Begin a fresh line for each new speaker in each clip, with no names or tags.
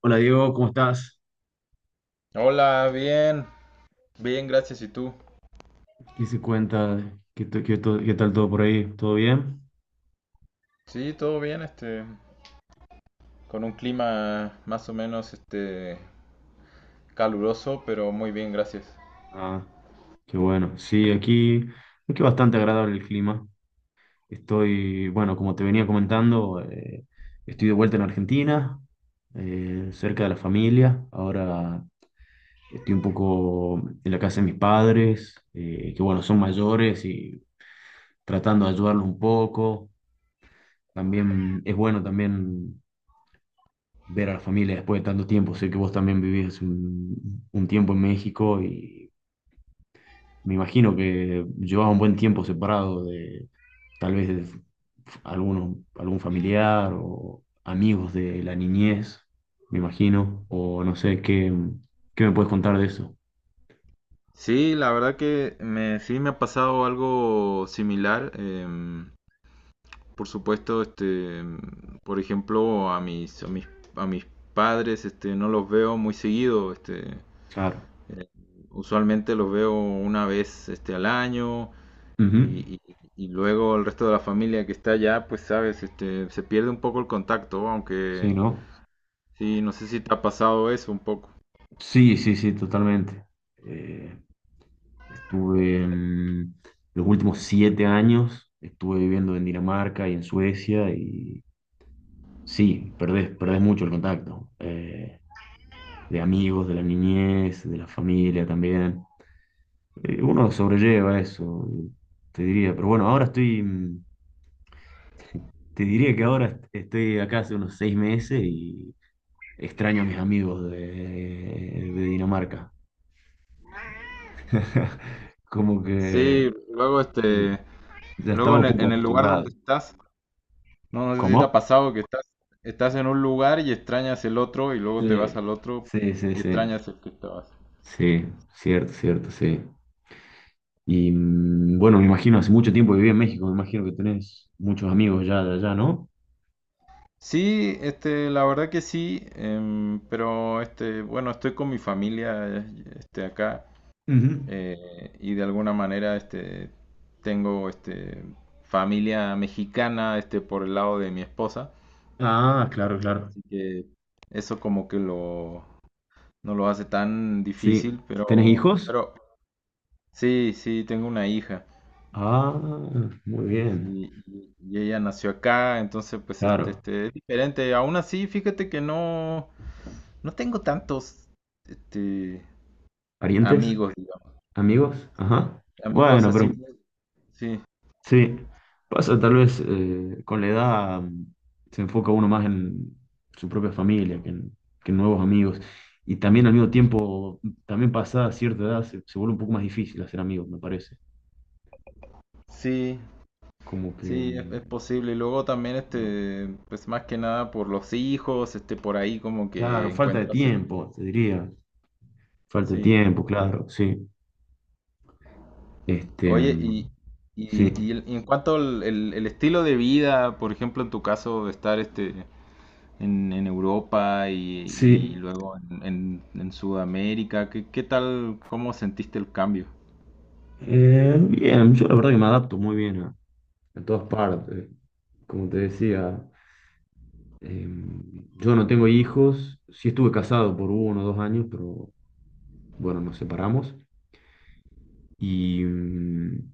Hola Diego, ¿cómo estás?
Hola, bien, bien, gracias. ¿Y tú?
¿Qué se cuenta? ¿Qué tal todo por ahí? ¿Todo bien?
Sí, todo bien, con un clima más o menos, caluroso, pero muy bien, gracias.
Ah, qué bueno. Sí, aquí bastante agradable el clima. Estoy, bueno, como te venía comentando, estoy de vuelta en Argentina, cerca de la familia. Ahora estoy un poco en la casa de mis padres, que bueno, son mayores y tratando de ayudarlos un poco. También es bueno también ver a la familia después de tanto tiempo. Sé que vos también vivís un tiempo en México y me imagino que llevabas un buen tiempo separado de tal vez de algún familiar o amigos de la niñez, me imagino, o no sé, ¿qué me puedes contar de eso?
Sí, la verdad que me, sí me ha pasado algo similar. Por supuesto, por ejemplo, a mis padres, no los veo muy seguido,
Claro.
usualmente los veo una vez, al año.
Ujú.
Y, y- y luego el resto de la familia que está allá, pues sabes, se pierde un poco el contacto, aunque
Sí, ¿no?
sí, no sé si te ha pasado eso un poco.
Sí, sí, sí, totalmente. Eh, estuve los últimos 7 años, estuve viviendo en Dinamarca y en Suecia. Y sí, perdés mucho el contacto de amigos, de la niñez, de la familia también. Uno sobrelleva eso, te diría. Pero bueno, ahora estoy, te diría que ahora estoy acá hace unos 6 meses y extraño a mis amigos de Dinamarca. Como que
Sí, luego
sí, ya
luego
estaba
en
un
el,
poco
en el lugar
acostumbrado.
donde estás, no, no sé si te
¿Cómo?
ha pasado que estás, estás en un lugar y extrañas el otro y luego te vas
Sí.
al otro
Sí, sí,
y
sí.
extrañas el que estabas.
Sí, cierto, cierto, sí. Y bueno, me imagino, hace mucho tiempo que viví en México, me imagino que tenés muchos amigos ya de allá, ¿no?
Sí, la verdad que sí, pero bueno, estoy con mi familia, acá.
Ujú.
Y de alguna manera tengo familia mexicana por el lado de mi esposa,
Ah, claro, claro.
así que eso como que lo, no lo hace tan
Sí.
difícil,
¿Tenés hijos?
pero sí, sí, tengo una hija.
Ah, muy bien.
Sí, y ella nació acá, entonces pues
Claro.
es diferente. Aún así, fíjate que no, no tengo tantos este,
¿Parientes?
amigos, digamos.
¿Amigos?
Sí,
Ajá.
amigos
Bueno, pero
así, sí,
sí. Pasa tal vez con la edad, se enfoca uno más en su propia familia que en nuevos amigos. Y también al mismo tiempo, también pasada cierta edad, se vuelve un poco más difícil hacer amigos, me parece.
sí.
Como que...
Sí, es
mm,
posible. Y luego también,
Mm.
pues más que nada por los hijos, por ahí como
Claro,
que
falta de
encuentras,
tiempo, te diría. Falta de
sí.
tiempo, claro, sí. Este,
Oye, y, y,
sí,
y el- y en cuanto al el estilo de vida, por ejemplo, en tu caso, de estar, en Europa y
sí.
luego en Sudamérica, ¿qué, qué tal, cómo sentiste el cambio?
Bien, yo la verdad que me adapto muy bien a todas partes. Como te decía, eh, yo no tengo hijos. Sí estuve casado por 1 o 2 años, pero bueno, nos separamos. Y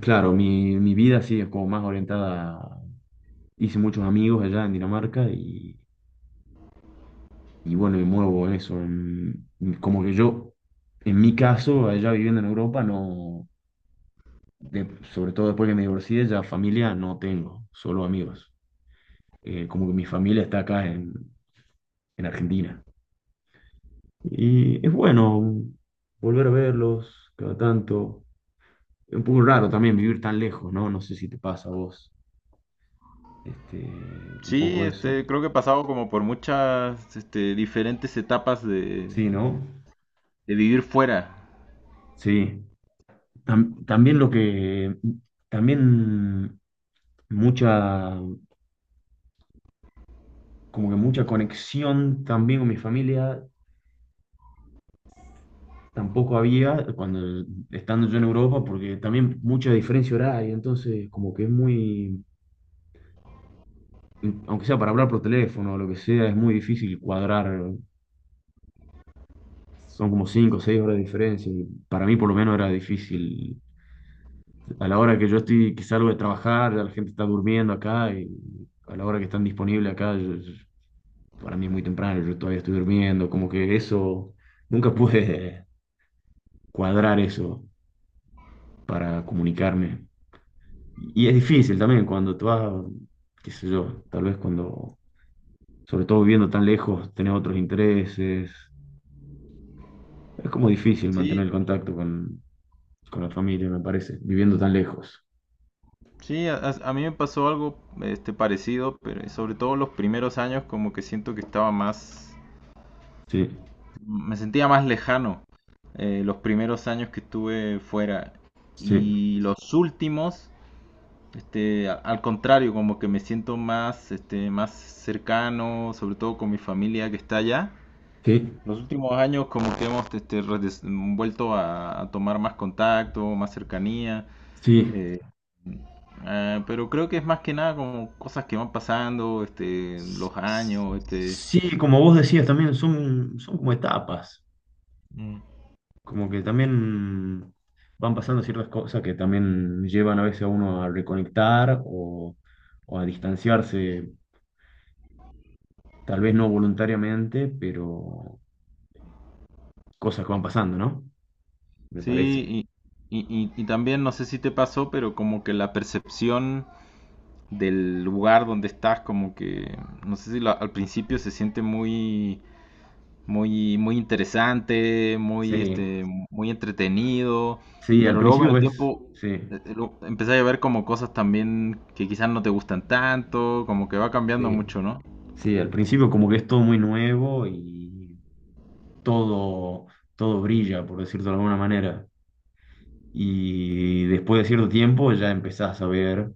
claro, mi vida sí es como más orientada. Hice muchos amigos allá en Dinamarca y bueno, me muevo en eso. Como que yo, en mi caso, allá viviendo en Europa, no, de- sobre todo después que me divorcié, ya familia no tengo, solo amigos. Como que mi familia está acá en Argentina. Y es bueno volver a verlos cada tanto. Es un poco raro también vivir tan lejos, ¿no? No sé si te pasa a vos. Este, un
Sí,
poco eso.
creo que he pasado como por muchas, diferentes etapas
Sí, ¿no?
de vivir fuera.
Sí. También lo que, también mucha como que mucha conexión también con mi familia tampoco había cuando estando yo en Europa, porque también mucha diferencia horaria, entonces como que es muy, aunque sea para hablar por teléfono o lo que sea, es muy difícil cuadrar, son como 5 o 6 horas de diferencia, y para mí por lo menos era difícil. A la hora que yo estoy, que salgo de trabajar, ya la gente está durmiendo acá, y a la hora que están disponibles acá, para mí es muy temprano, yo todavía estoy durmiendo, como que eso nunca pude cuadrar eso para comunicarme. Y es difícil también cuando tú vas, qué sé yo, tal vez cuando, sobre todo viviendo tan lejos, tenés otros intereses. Es como difícil
Sí.
mantener el contacto con la familia, me parece, viviendo tan lejos.
Sí, a mí me pasó algo parecido, pero sobre todo los primeros años como que siento que estaba más,
Sí,
me sentía más lejano los primeros años que estuve fuera
sí,
y los últimos, al contrario, como que me siento más, más cercano, sobre todo con mi familia que está allá.
sí,
Los últimos años como que hemos vuelto a tomar más contacto, más cercanía.
sí.
Eh, pero creo que es más que nada como cosas que van pasando, los años, este.
Sí, como vos decías también, son como etapas.
Mm.
Como que también van pasando ciertas cosas que también llevan a veces a uno a reconectar o a distanciarse, tal vez no voluntariamente, pero cosas que van pasando, ¿no? Me parece.
Sí, y también no sé si te pasó, pero como que la percepción del lugar donde estás, como que, no sé si al principio se siente muy interesante,
Sí,
muy entretenido,
sí, al
pero luego con
principio
el
ves,
tiempo
sí.
empezás a ver como cosas también que quizás no te gustan tanto, como que va cambiando
Sí,
mucho, no.
sí, al principio como que es todo muy nuevo y todo, todo brilla, por decirlo de alguna manera. Y después de cierto tiempo ya empezás a ver.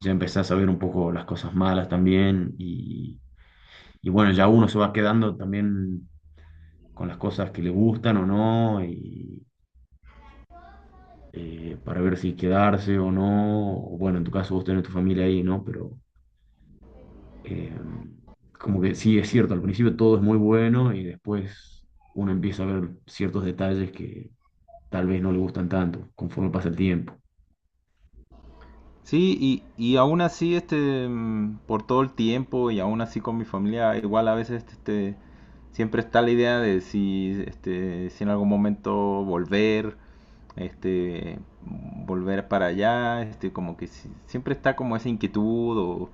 ya empezás a ver un poco las cosas malas también y bueno, ya uno se va quedando también con las cosas que le gustan o no y para ver si quedarse o no, o bueno, en tu caso vos tenés tu familia ahí, ¿no? Pero eh, como que sí es cierto, al principio todo es muy bueno y después uno empieza a ver ciertos detalles que tal vez no le gustan tanto conforme pasa el tiempo.
Sí, y aún así, por todo el tiempo y aún así con mi familia, igual a veces, siempre está la idea de si, si en algún momento volver, este, volver para allá, como que siempre está como esa inquietud o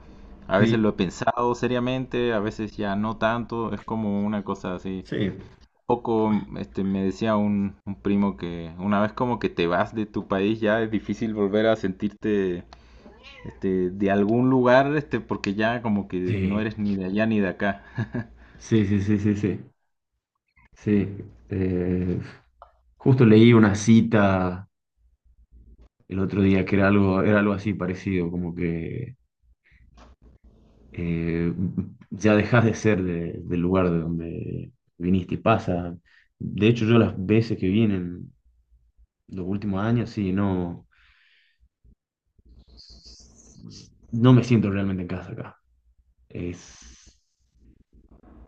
a veces
Sí,
lo he pensado seriamente, a veces ya no tanto, es como una cosa así.
sí.
Poco, me decía un primo que una vez como que te vas de tu país ya es difícil volver a sentirte de algún lugar, porque ya como que no
Sí,
eres ni de allá ni de acá.
sí, sí, sí, sí, sí. Sí, eh, justo leí una cita el otro día que era algo así parecido, como que eh, ya dejas de ser del lugar de donde viniste y pasa. De hecho, yo las veces que vine en los últimos años, sí, no, no me siento realmente en casa acá. Es,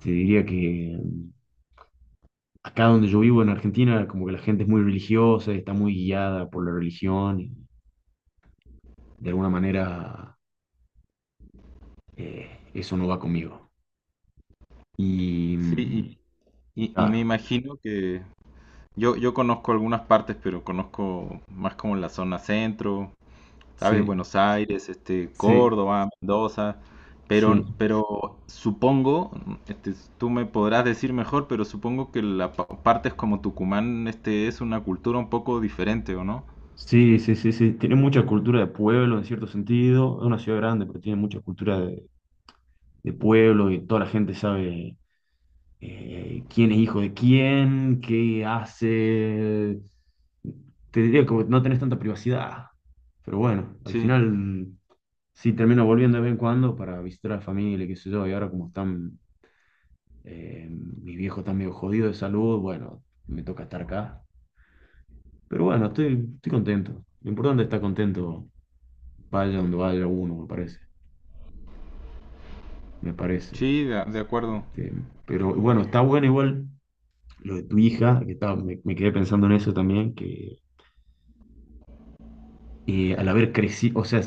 te diría que, acá donde yo vivo en Argentina, como que la gente es muy religiosa, está muy guiada por la religión y de alguna manera eso no va conmigo. Y
Sí, y me
claro,
imagino que yo conozco algunas partes, pero conozco más como la zona centro, ¿sabes?
sí,
Buenos Aires,
sí,
Córdoba, Mendoza,
sí,
pero supongo, tú me podrás decir mejor, pero supongo que la partes como Tucumán, es una cultura un poco diferente, ¿o no?
sí, sí, sí, sí. Tiene mucha cultura de pueblo en cierto sentido. Es una ciudad grande, pero tiene mucha cultura de pueblo y toda la gente sabe quién es hijo de quién, qué hace. Te diría como que no tenés tanta privacidad. Pero bueno, al
Sí,
final, sí termino volviendo de vez en cuando para visitar a la familia, qué sé yo, y ahora como están. Mi viejo está medio jodido de salud, bueno, me toca estar acá. Pero bueno, estoy contento. Lo importante es estar contento, vaya donde vaya uno, me parece. Me parece.
sí, de acuerdo.
Este, pero bueno, está bueno igual lo de tu hija, que estaba, me quedé pensando en eso también, que al haber crecido, o sea,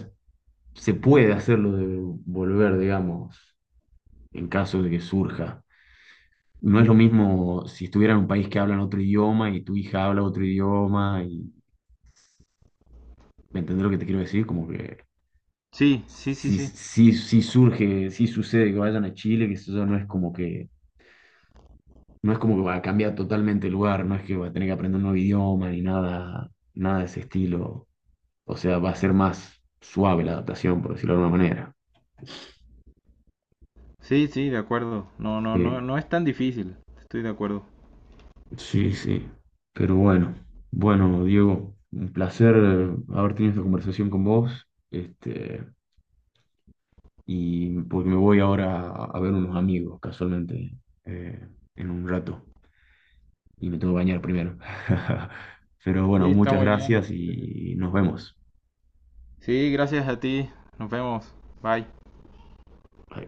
se puede hacerlo de volver, digamos, en caso de que surja. No es
Mm.
lo mismo si estuviera en un país que hablan otro idioma y tu hija habla otro idioma y, ¿me entendés lo que te quiero decir? Como que
Sí, sí, sí,
sí,
sí.
sí, sí surge, sí sucede que vayan a Chile, que eso no es como que va a cambiar totalmente el lugar, no es que va a tener que aprender un nuevo idioma ni nada, nada de ese estilo. O sea, va a ser más suave la adaptación, por decirlo de alguna manera.
Sí, sí, de acuerdo. No, no, no,
Sí,
no es tan difícil. Estoy de acuerdo.
sí, sí. Pero bueno, Diego, un placer haber tenido esta conversación con vos. Este, y porque me voy ahora a ver unos amigos, casualmente, eh, en un rato. Y me tengo que bañar primero. Pero bueno,
Sí, está
muchas
muy bien,
gracias y nos vemos.
sí, gracias a ti. Nos vemos. Bye.
Bye.